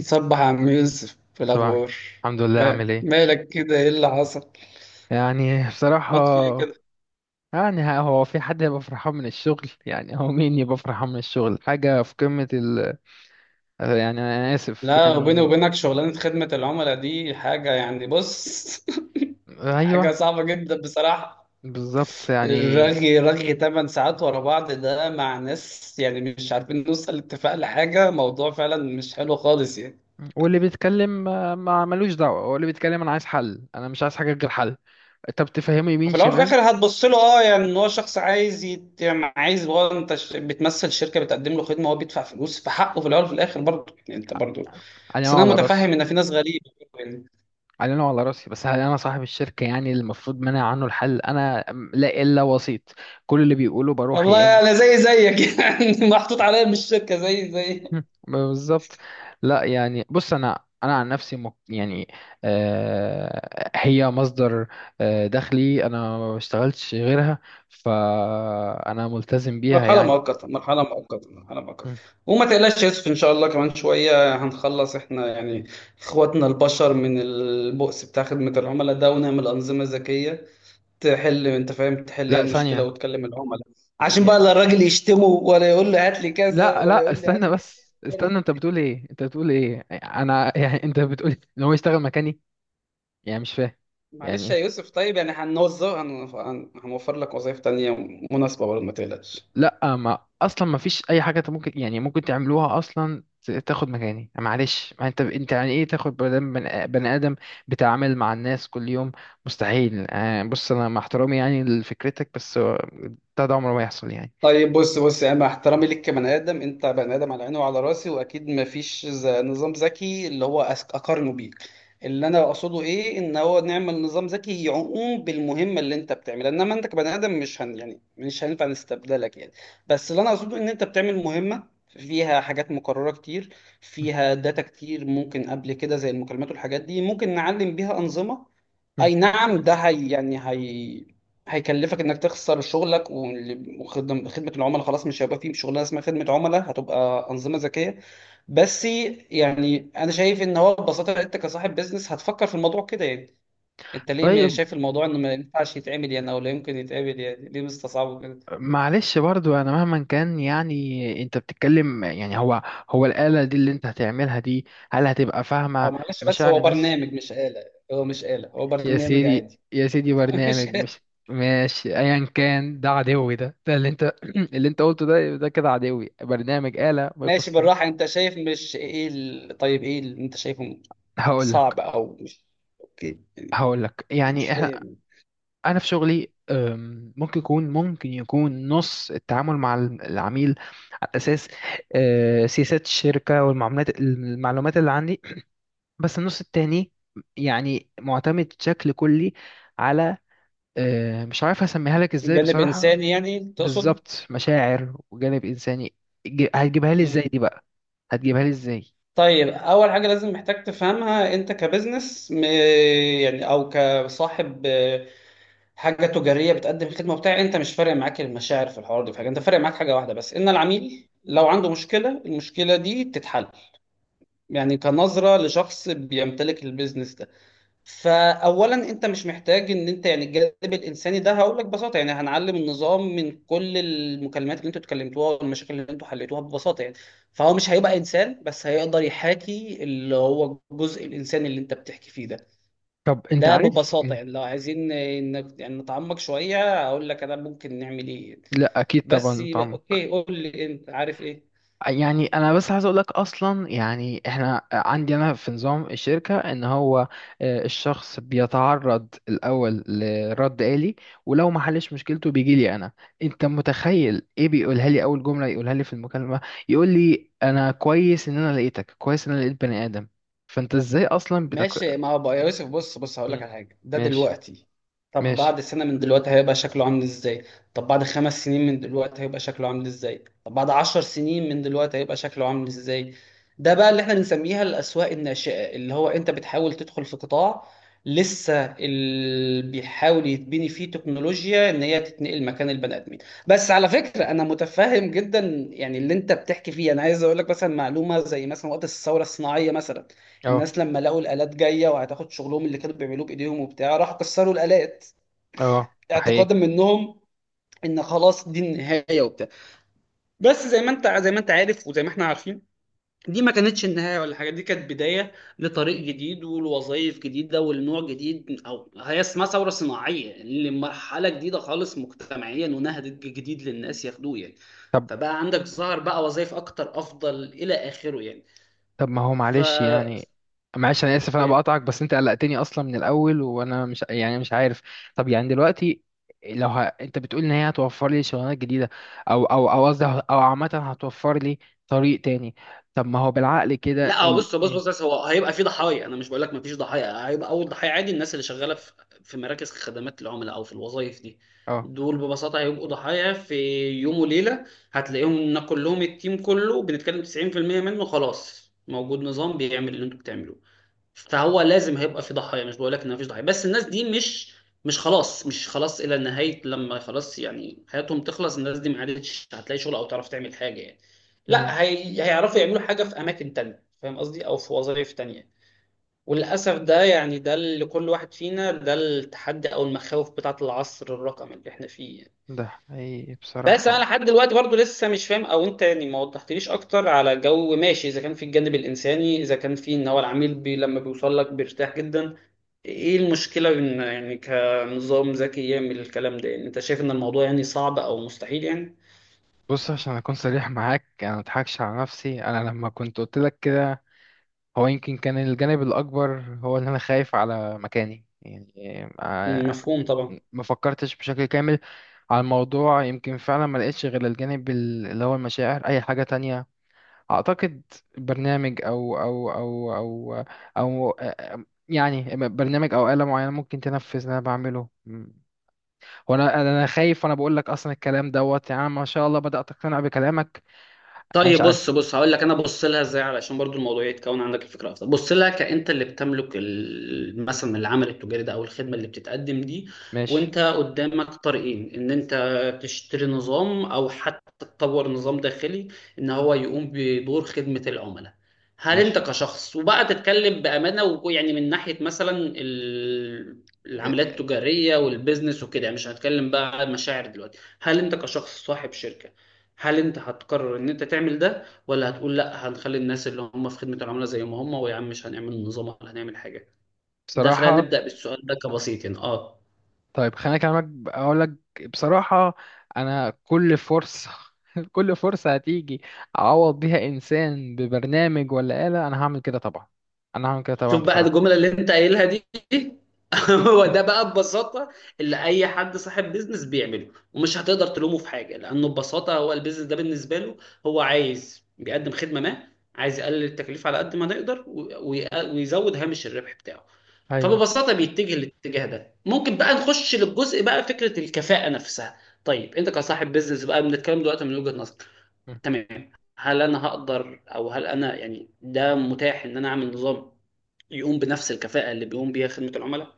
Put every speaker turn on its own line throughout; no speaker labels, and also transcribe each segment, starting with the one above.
صبح يا عم يوسف في
صباح.
الأخبار.
الحمد لله،
ما-
عامل ايه؟
مالك كده، إيه اللي حصل؟
يعني بصراحة.
مات في إيه كده؟
يعني هو في حد هيبقى فرحان من الشغل؟ يعني هو مين يبقى فرحان من الشغل؟ حاجة في قمة يعني أنا آسف
لا، وبيني
يعني.
وبينك شغلانة خدمة العملاء دي حاجة بص، حاجة
أيوه.
صعبة جدا بصراحة.
بالظبط يعني.
الرغي رغي 8 ساعات ورا بعض ده مع ناس مش عارفين نوصل لاتفاق لحاجة، موضوع فعلا مش حلو خالص يعني.
واللي بيتكلم ما ملوش دعوة، هو اللي بيتكلم. أنا عايز حل، أنا مش عايز حاجة غير حل. طب تفهمه يمين
في الأول وفي
شمال.
الآخر هتبص له، أه، يعني إن هو شخص عايز يعني عايز، هو أنت بتمثل شركة بتقدم له خدمة وهو بيدفع فلوس، فحقه في الأول وفي الآخر برضه، يعني أنت برضه.
علينا
بس انا
وعلى
متفهم
راسي.
ان في ناس غريبه يعني.
علينا وعلى راسي، بس هل انا صاحب الشركه يعني المفروض منع عنه الحل انا؟ لا، الا وسيط. كل اللي بيقوله بروح يا
والله
اما.
انا زي زيك يعني محطوط عليا من الشركه زي زي.
مم، بالظبط. لا، يعني بص، انا عن نفسي مك... يعني آه، هي مصدر. آه، دخلي انا ما بشتغلتش غيرها. فانا ملتزم بيها
مرحله
يعني.
مؤقته، مرحله مؤقته، مرحله مؤقته.
مم.
وما تقلقش يا يوسف، ان شاء الله كمان شويه هنخلص احنا يعني اخواتنا البشر من البؤس بتاع خدمه العملاء ده، ونعمل انظمه ذكيه تحل، انت فاهم، تحل هي
لا،
المشكله
ثانية.
وتكلم العملاء. عشان
ي-
بقى لا الراجل يشتمه ولا يقول له هات لي كذا
لا
ولا
لا،
يقول لي هات
استنى
لي.
بس استنى، انت بتقول ايه؟ انت بتقول ايه؟ انا يعني، انت بتقول ان هو يشتغل مكاني؟ يعني مش فاهم. يعني
معلش يا
إيه؟
يوسف، طيب يعني هنوظف هنوفر لك وظائف تانية مناسبة برضه، ما تقلقش.
لا، ما اصلا ما فيش اي حاجه، انت ممكن يعني ممكن تعملوها اصلا، تاخد مكاني. معلش، ما انت يعني ايه، تاخد بني آدم، بني آدم بتعامل مع الناس كل يوم؟ مستحيل. بص، انا مع احترامي يعني لفكرتك، بس ده عمره ما يحصل يعني.
طيب بص بص، يعني مع احترامي ليك كبني ادم، انت بني ادم على عيني وعلى راسي، واكيد ما فيش نظام ذكي اللي هو اقارنه بيك. اللي انا اقصده ايه، ان هو نعمل نظام ذكي يقوم بالمهمه اللي انت بتعملها، انما انت كبني ادم مش هينفع نستبدلك يعني. بس اللي انا اقصده ان انت بتعمل مهمه فيها حاجات مكرره كتير، فيها داتا كتير ممكن قبل كده زي المكالمات والحاجات دي، ممكن نعلم بيها انظمه.
مم.
اي نعم، ده هي يعني هي هيكلفك انك تخسر شغلك، خدمه العملاء خلاص مش هيبقى فيه شغلانه اسمها خدمه عملاء، هتبقى انظمه ذكيه بس. يعني انا شايف ان هو ببساطه انت كصاحب بيزنس هتفكر في الموضوع كده يعني. انت ليه ما
طيب.
شايف الموضوع انه ما ينفعش يتعمل يعني، او لا يمكن يتعمل، يعني ليه مستصعبه كده؟
معلش برضو، انا مهما كان يعني انت بتتكلم، يعني هو الآلة دي اللي انت هتعملها دي، هل هتبقى
أو
فاهمة
معلش، بس
مشاعر
هو
الناس؟
برنامج مش آلة، هو مش آلة، هو
يا
برنامج
سيدي
عادي.
يا سيدي،
مش
برنامج
آلة.
مش... ماشي، ايا كان. ده عدوي، ده اللي انت اللي انت قلته، ده كده عدوي، برنامج، آلة، ما
ماشي
يخصني.
بالراحه، انت شايف مش ايه طيب ايه اللي انت شايفه
هقول لك.
صعب او مش؟ اوكي. يعني.
هقول لك،
مش
يعني احنا،
فاهم.
انا في شغلي، ممكن يكون نص التعامل مع العميل على اساس، سياسات الشركة والمعلومات، اللي عندي. بس النص التاني يعني معتمد بشكل كلي على، مش عارف هسميها لك ازاي
جانب
بصراحة.
انساني يعني تقصد؟
بالظبط، مشاعر وجانب انساني. هتجيبها لي ازاي
مم.
دي بقى؟ هتجيبها لي ازاي؟
طيب اول حاجه لازم محتاج تفهمها، انت كبزنس يعني او كصاحب، آه، حاجه تجاريه بتقدم خدمه وبتاع، انت مش فارق معاك المشاعر في الحوار ده، في حاجه انت فارق معاك، حاجه واحده بس، ان العميل لو عنده مشكله، المشكله دي تتحل. يعني كنظره لشخص بيمتلك البيزنس ده. فاولا انت مش محتاج ان انت يعني الجانب الانساني ده، هقول لك ببساطه يعني هنعلم النظام من كل المكالمات اللي انتوا اتكلمتوها والمشاكل اللي انتوا حليتوها، ببساطه يعني. فهو مش هيبقى انسان، بس هيقدر يحاكي اللي هو الجزء الانساني اللي انت بتحكي فيه ده.
طب انت
ده
عارف
ببساطه يعني، لو عايزين يعني نتعمق شويه، اقول لك انا ممكن نعمل ايه يعني.
لا، اكيد
بس
طبعا
يبقى
طعمك.
اوكي، قول لي انت عارف ايه.
يعني انا بس عايز اقول لك، اصلا يعني احنا عندي انا في نظام الشركه ان هو الشخص بيتعرض الاول لرد آلي، ولو ما حلش مشكلته بيجي لي انا. انت متخيل ايه بيقولها لي اول جمله يقولها لي في المكالمه؟ يقول لي: انا كويس ان انا لقيتك، كويس ان انا لقيت بني ادم. فانت ازاي اصلا
ماشي، ما هو بقى يا يوسف بص بص، هقول لك
مم.
على حاجه ده
ماشي.
دلوقتي. طب
ماشي.
بعد سنه من دلوقتي هيبقى شكله عامل ازاي؟ طب بعد خمس سنين من دلوقتي هيبقى شكله عامل ازاي؟ طب بعد عشر سنين من دلوقتي هيبقى شكله عامل ازاي؟ ده بقى اللي احنا بنسميها الاسواق الناشئه، اللي هو انت بتحاول تدخل في قطاع لسه اللي بيحاول يتبني فيه تكنولوجيا ان هي تتنقل مكان البني ادمين. بس على فكره انا متفهم جدا يعني اللي انت بتحكي فيه. انا عايز اقول لك مثلا معلومه، زي مثلا وقت الثوره الصناعيه مثلا،
اه.
الناس لما لقوا الآلات جاية وهتاخد شغلهم اللي كانوا بيعملوه بإيديهم وبتاع، راحوا كسروا الآلات
اه، ده حقيقي.
اعتقادا منهم ان خلاص دي النهاية وبتاع. بس زي ما انت، زي ما انت عارف، وزي ما احنا عارفين، دي ما كانتش النهاية ولا حاجة، دي كانت بداية لطريق جديد ولوظائف جديدة ولنوع جديد، او هي اسمها ثورة صناعية، يعني لمرحلة جديدة خالص مجتمعيا ونهج جديد للناس ياخدوه يعني.
طب.
فبقى عندك، ظهر بقى وظائف اكتر افضل الى اخره يعني.
طب ما هو
ف
معلش يعني، معلش انا اسف انا
اوكي.
بقطعك، بس انت قلقتني اصلا من الاول، وانا مش يعني مش عارف. طب يعني دلوقتي، لو انت بتقول ان هي هتوفر لي شغلانات جديده، او او او قصدي، او عامه هتوفر لي طريق تاني. طب ما هو بالعقل كده
لا هو بص بص
مم.
بص، بس هو هيبقى في ضحايا، انا مش بقول لك ما فيش ضحايا، هيبقى اول ضحايا عادي الناس اللي شغاله في في مراكز خدمات العملاء او في الوظائف دي.
اه.
دول ببساطه هيبقوا ضحايا في يوم وليله، هتلاقيهم ان كلهم، التيم كله بنتكلم 90% منه خلاص موجود نظام بيعمل اللي انتوا بتعملوه. فهو لازم هيبقى في ضحايا، مش بقول لك ان مفيش ضحايا، بس الناس دي مش، مش خلاص، مش خلاص الى نهايه لما خلاص يعني حياتهم تخلص، الناس دي ما عادتش هتلاقي شغل او تعرف تعمل حاجه يعني،
مم.
لا هيعرفوا يعملوا حاجه في اماكن تانية، فاهم قصدي، او في وظائف تانية. وللاسف ده يعني، ده اللي كل واحد فينا، ده التحدي او المخاوف بتاعه العصر الرقمي اللي احنا فيه يعني.
ده حقيقي
بس
بصراحه.
انا لحد دلوقتي برضو لسه مش فاهم، او انت يعني ما وضحتليش اكتر على جو، ماشي اذا كان في الجانب الانساني، اذا كان في ان هو العميل بي لما بيوصل لك بيرتاح جدا، ايه المشكلة ان يعني كنظام ذكي يعمل الكلام ده؟ يعني انت شايف ان الموضوع يعني صعب او مستحيل يعني؟
بص، عشان اكون صريح معاك، انا ما اضحكش على نفسي. انا لما كنت قلت لك كده، هو يمكن كان الجانب الأكبر هو إن أنا خايف على مكاني يعني. آه،
مفهوم طبعا.
ما فكرتش بشكل كامل على الموضوع. يمكن فعلا ما لقيتش غير الجانب اللي هو المشاعر، أي حاجة تانية. أعتقد برنامج أو أو يعني برنامج أو آلة معينة ممكن تنفذ اللي أنا بعمله وأنا خايف، وأنا بقول لك أصلا الكلام دوت، يعني أنا ما شاء الله بدأت أقتنع بكلامك. أنا مش
طيب بص
عارف.
بص، هقول لك انا بص لها ازاي، علشان برضو الموضوع يتكون عندك الفكره افضل. بص، لها كانت اللي بتملك مثلا العمل التجاري ده او الخدمه اللي بتتقدم دي،
ماشي.
وانت قدامك طريقين، ان انت تشتري نظام او حتى تطور نظام داخلي ان هو يقوم بدور خدمه العملاء. هل انت
ماشي.
كشخص، وبقى تتكلم بامانه، ويعني من ناحيه مثلا العمليات التجاريه والبيزنس وكده يعني، مش هنتكلم بقى عن مشاعر دلوقتي، هل انت كشخص صاحب شركه هل انت هتقرر ان انت تعمل ده، ولا هتقول لا هنخلي الناس اللي هم في خدمة العملاء زي ما هم ويا عم مش هنعمل نظام ولا هنعمل حاجة؟ ده خلينا
بصراحة.
نبدأ بالسؤال ده كبسيط يعني، اه.
طيب، خليني اكلمك، اقول لك بصراحة. انا كل فرصة كل فرصة هتيجي اعوض بيها انسان ببرنامج ولا آلة، انا هعمل كده طبعا. انا هعمل كده طبعا
شوف بقى
بصراحة.
الجملة اللي انت قايلها دي، هو ده بقى ببساطة اللي أي حد صاحب بيزنس بيعمله، ومش هتقدر تلومه في حاجة، لأنه ببساطة هو البيزنس ده بالنسبة له، هو عايز بيقدم خدمة ما، عايز يقلل التكلفة على قد ما نقدر، ويزود هامش الربح بتاعه.
ايوه.
فببساطة بيتجه للاتجاه ده. ممكن بقى نخش للجزء بقى فكرة الكفاءة نفسها. طيب انت كصاحب بيزنس بقى، بنتكلم دلوقتي من وجهة نظرك، تمام، هل انا هقدر، او هل انا يعني ده متاح ان انا اعمل نظام يقوم بنفس الكفاءة اللي بيقوم بيها خدمة العملاء؟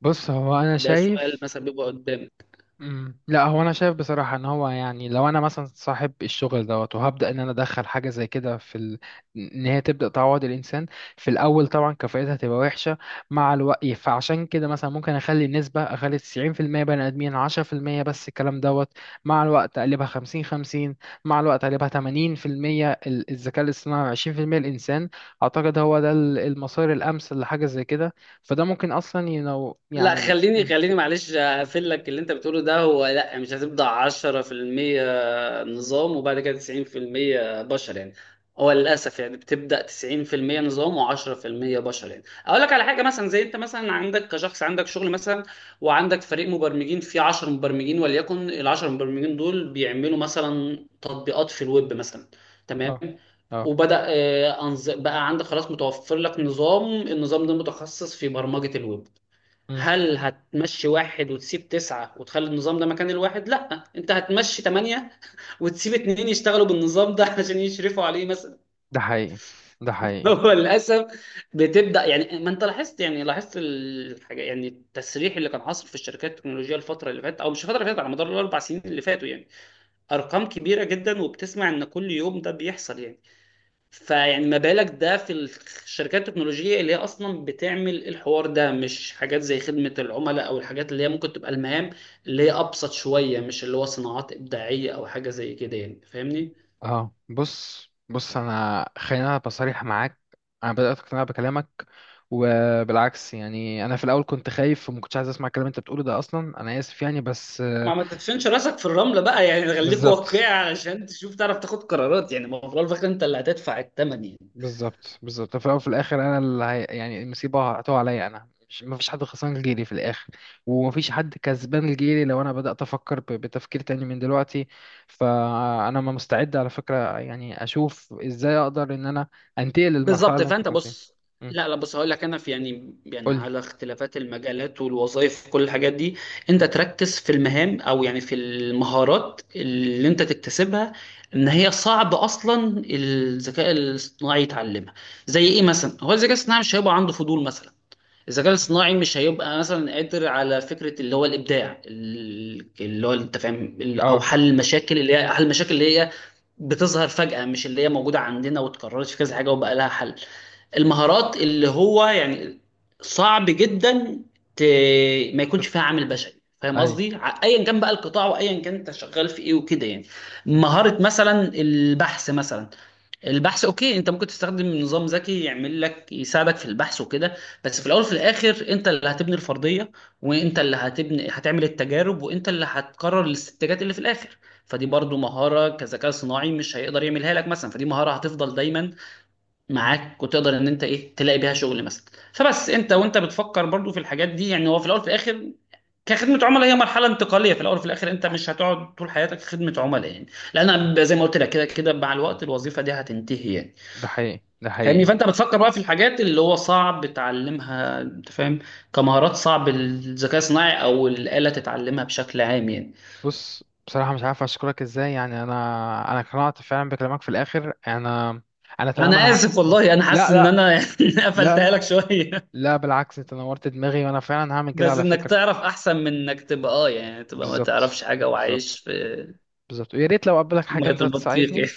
بص، هو انا
ده سؤال
شايف.
مثلا بيبقى قدامي.
مم. لا، هو انا شايف بصراحه ان هو يعني لو انا مثلا صاحب الشغل دوت، وهبدا ان انا ادخل حاجه زي كده في ان هي تبدا تعوض الانسان. في الاول طبعا كفاءتها هتبقى وحشه. مع الوقت، فعشان كده مثلا ممكن اخلي 90% بني ادمين، 10% بس الكلام دوت. مع الوقت اقلبها 50-50. مع الوقت اقلبها 80% الذكاء الاصطناعي، 20% الانسان. اعتقد هو ده المسار الامثل لحاجه زي كده. فده ممكن اصلا
لا
يعني
خليني خليني، معلش
مم.
هقفل لك اللي انت بتقوله ده، هو لا مش هتبدأ 10% نظام وبعد كده 90% بشر يعني، هو للأسف يعني بتبدأ 90% نظام و10% بشر يعني. أقول لك على حاجة، مثلا زي أنت مثلا عندك كشخص، عندك شغل مثلا، وعندك فريق مبرمجين فيه 10 مبرمجين، وليكن ال 10 مبرمجين دول بيعملوا مثلا تطبيقات في الويب مثلا،
اه.
تمام؟
اه.
وبدأ، آه، بقى عندك خلاص متوفر لك نظام، النظام ده متخصص في برمجة الويب.
مم.
هل هتمشي واحد وتسيب تسعة وتخلي النظام ده مكان الواحد؟ لا، انت هتمشي تمانية وتسيب اتنين يشتغلوا بالنظام ده علشان يشرفوا عليه مثلا.
ده حقيقي، ده حقيقي.
هو للأسف بتبدأ يعني، ما انت لاحظت يعني، لاحظت الحاجة يعني، التسريح اللي كان حاصل في الشركات التكنولوجية الفترة اللي فاتت، أو مش الفترة اللي فاتت، على مدار الأربع سنين اللي فاتوا يعني، أرقام كبيرة جدا، وبتسمع إن كل يوم ده بيحصل يعني. فيعني ما بالك ده في الشركات التكنولوجية اللي هي أصلا بتعمل الحوار ده، مش حاجات زي خدمة العملاء أو الحاجات اللي هي ممكن تبقى المهام اللي هي أبسط شوية، مش اللي هو صناعات إبداعية أو حاجة زي كده يعني، فاهمني؟
اه، بص بص، انا خلينا أنا بصريح معاك. انا بدات اقتنع بكلامك، وبالعكس. يعني انا في الاول كنت خايف وما كنتش عايز اسمع الكلام اللي انت بتقوله ده اصلا، انا اسف يعني، بس
ما تدفنش راسك في الرملة بقى يعني، خليك واقعي
بالظبط.
علشان تشوف، تعرف تاخد قرارات، يعني ما هو في الأول وفي الآخر أنت اللي هتدفع الثمن يعني.
بالظبط، بالظبط، في الأول وفي الآخر أنا اللي يعني المصيبة هتقع عليا، أنا مش، مفيش حد خسران غيري في الآخر. ومفيش حد كسبان غيري لو أنا بدأت أفكر بتفكير تاني من دلوقتي. فأنا ما مستعد على فكرة، يعني أشوف إزاي أقدر إن أنا أنتقل للمرحلة
بالظبط.
اللي أنت
فانت
كنت فيها.
بص،
مم.
لا لا بص، هقول لك، انا في يعني يعني
قولي.
على اختلافات المجالات والوظائف كل الحاجات دي، انت
مم.
تركز في المهام او يعني في المهارات اللي انت تكتسبها، ان هي صعب اصلا الذكاء الاصطناعي يتعلمها. زي ايه مثلا؟ هو الذكاء الاصطناعي مش هيبقى عنده فضول مثلا، الذكاء الاصطناعي مش هيبقى مثلا قادر على فكرة اللي هو الإبداع اللي هو، انت فاهم، أو
أه.
حل المشاكل، اللي هي حل المشاكل اللي هي
مم.
بتظهر فجأة، مش اللي هي موجودة عندنا واتكررت في كذا حاجة وبقى لها حل. المهارات اللي هو يعني صعب جدا ت... ما يكونش
تت-
فيها عامل بشري، فاهم
أي.
قصدي؟ ايا كان بقى القطاع، وايا كان انت شغال في ايه وكده يعني.
مم.
مهارة مثلا البحث مثلا، البحث اوكي انت ممكن تستخدم نظام ذكي يعمل لك، يساعدك في البحث وكده، بس في الاول وفي الاخر انت اللي هتبني الفرضية، وانت اللي هتعمل التجارب، وانت اللي هتقرر الاستنتاجات اللي في الاخر. فدي برضو مهارة كذكاء صناعي مش هيقدر يعملها لك مثلا، فدي مهارة هتفضل دايما معاك، وتقدر ان انت ايه تلاقي بيها شغل مثلا. فبس انت وانت بتفكر برضو في الحاجات دي يعني، هو في الاول في الاخر كخدمة عملاء هي مرحلة انتقالية، في الأول وفي الآخر أنت مش هتقعد طول حياتك خدمة عملاء يعني، لأن أنا زي ما قلت لك كده كده مع الوقت الوظيفة دي هتنتهي يعني.
ده حقيقي، ده
فاهمني؟
حقيقي.
فأنت بتفكر بقى في الحاجات اللي هو صعب تعلمها، أنت فاهم، كمهارات صعب الذكاء الصناعي أو الآلة تتعلمها بشكل عام يعني.
بص، بصراحة مش عارف أشكرك إزاي، يعني أنا اقتنعت فعلا بكلامك. في الآخر أنا تمام.
أنا
أنا
آسف والله، أنا حاسس
لا
إن
لا.
أنا يعني
لا
قفلتها
لا.
لك شوية،
لا، بالعكس، انت نورت دماغي وانا فعلا هعمل كده
بس
على
انك
فكرة.
تعرف احسن من انك تبقى، اه يعني، تبقى ما
بالظبط.
تعرفش حاجه
بالظبط.
وعايش في
بالظبط، ويا ريت لو قابلك حاجة
ميه
انت
البطيخ
تساعدني.
يعني.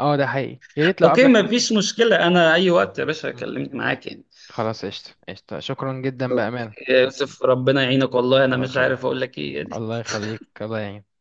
اه، ده حقيقي، يا ريت لو
اوكي،
قابلك
ما
حاجة.
فيش مشكله، انا اي وقت يا باشا
مم.
كلمني معاك يعني.
خلاص، قشطة قشطة، شكرا جدا،
اوكي
بأمانة
يا
شكرا.
يوسف، ربنا يعينك، والله انا
الله
مش
يخليك.
عارف اقول لك ايه.
الله يخليك، الله يعينك.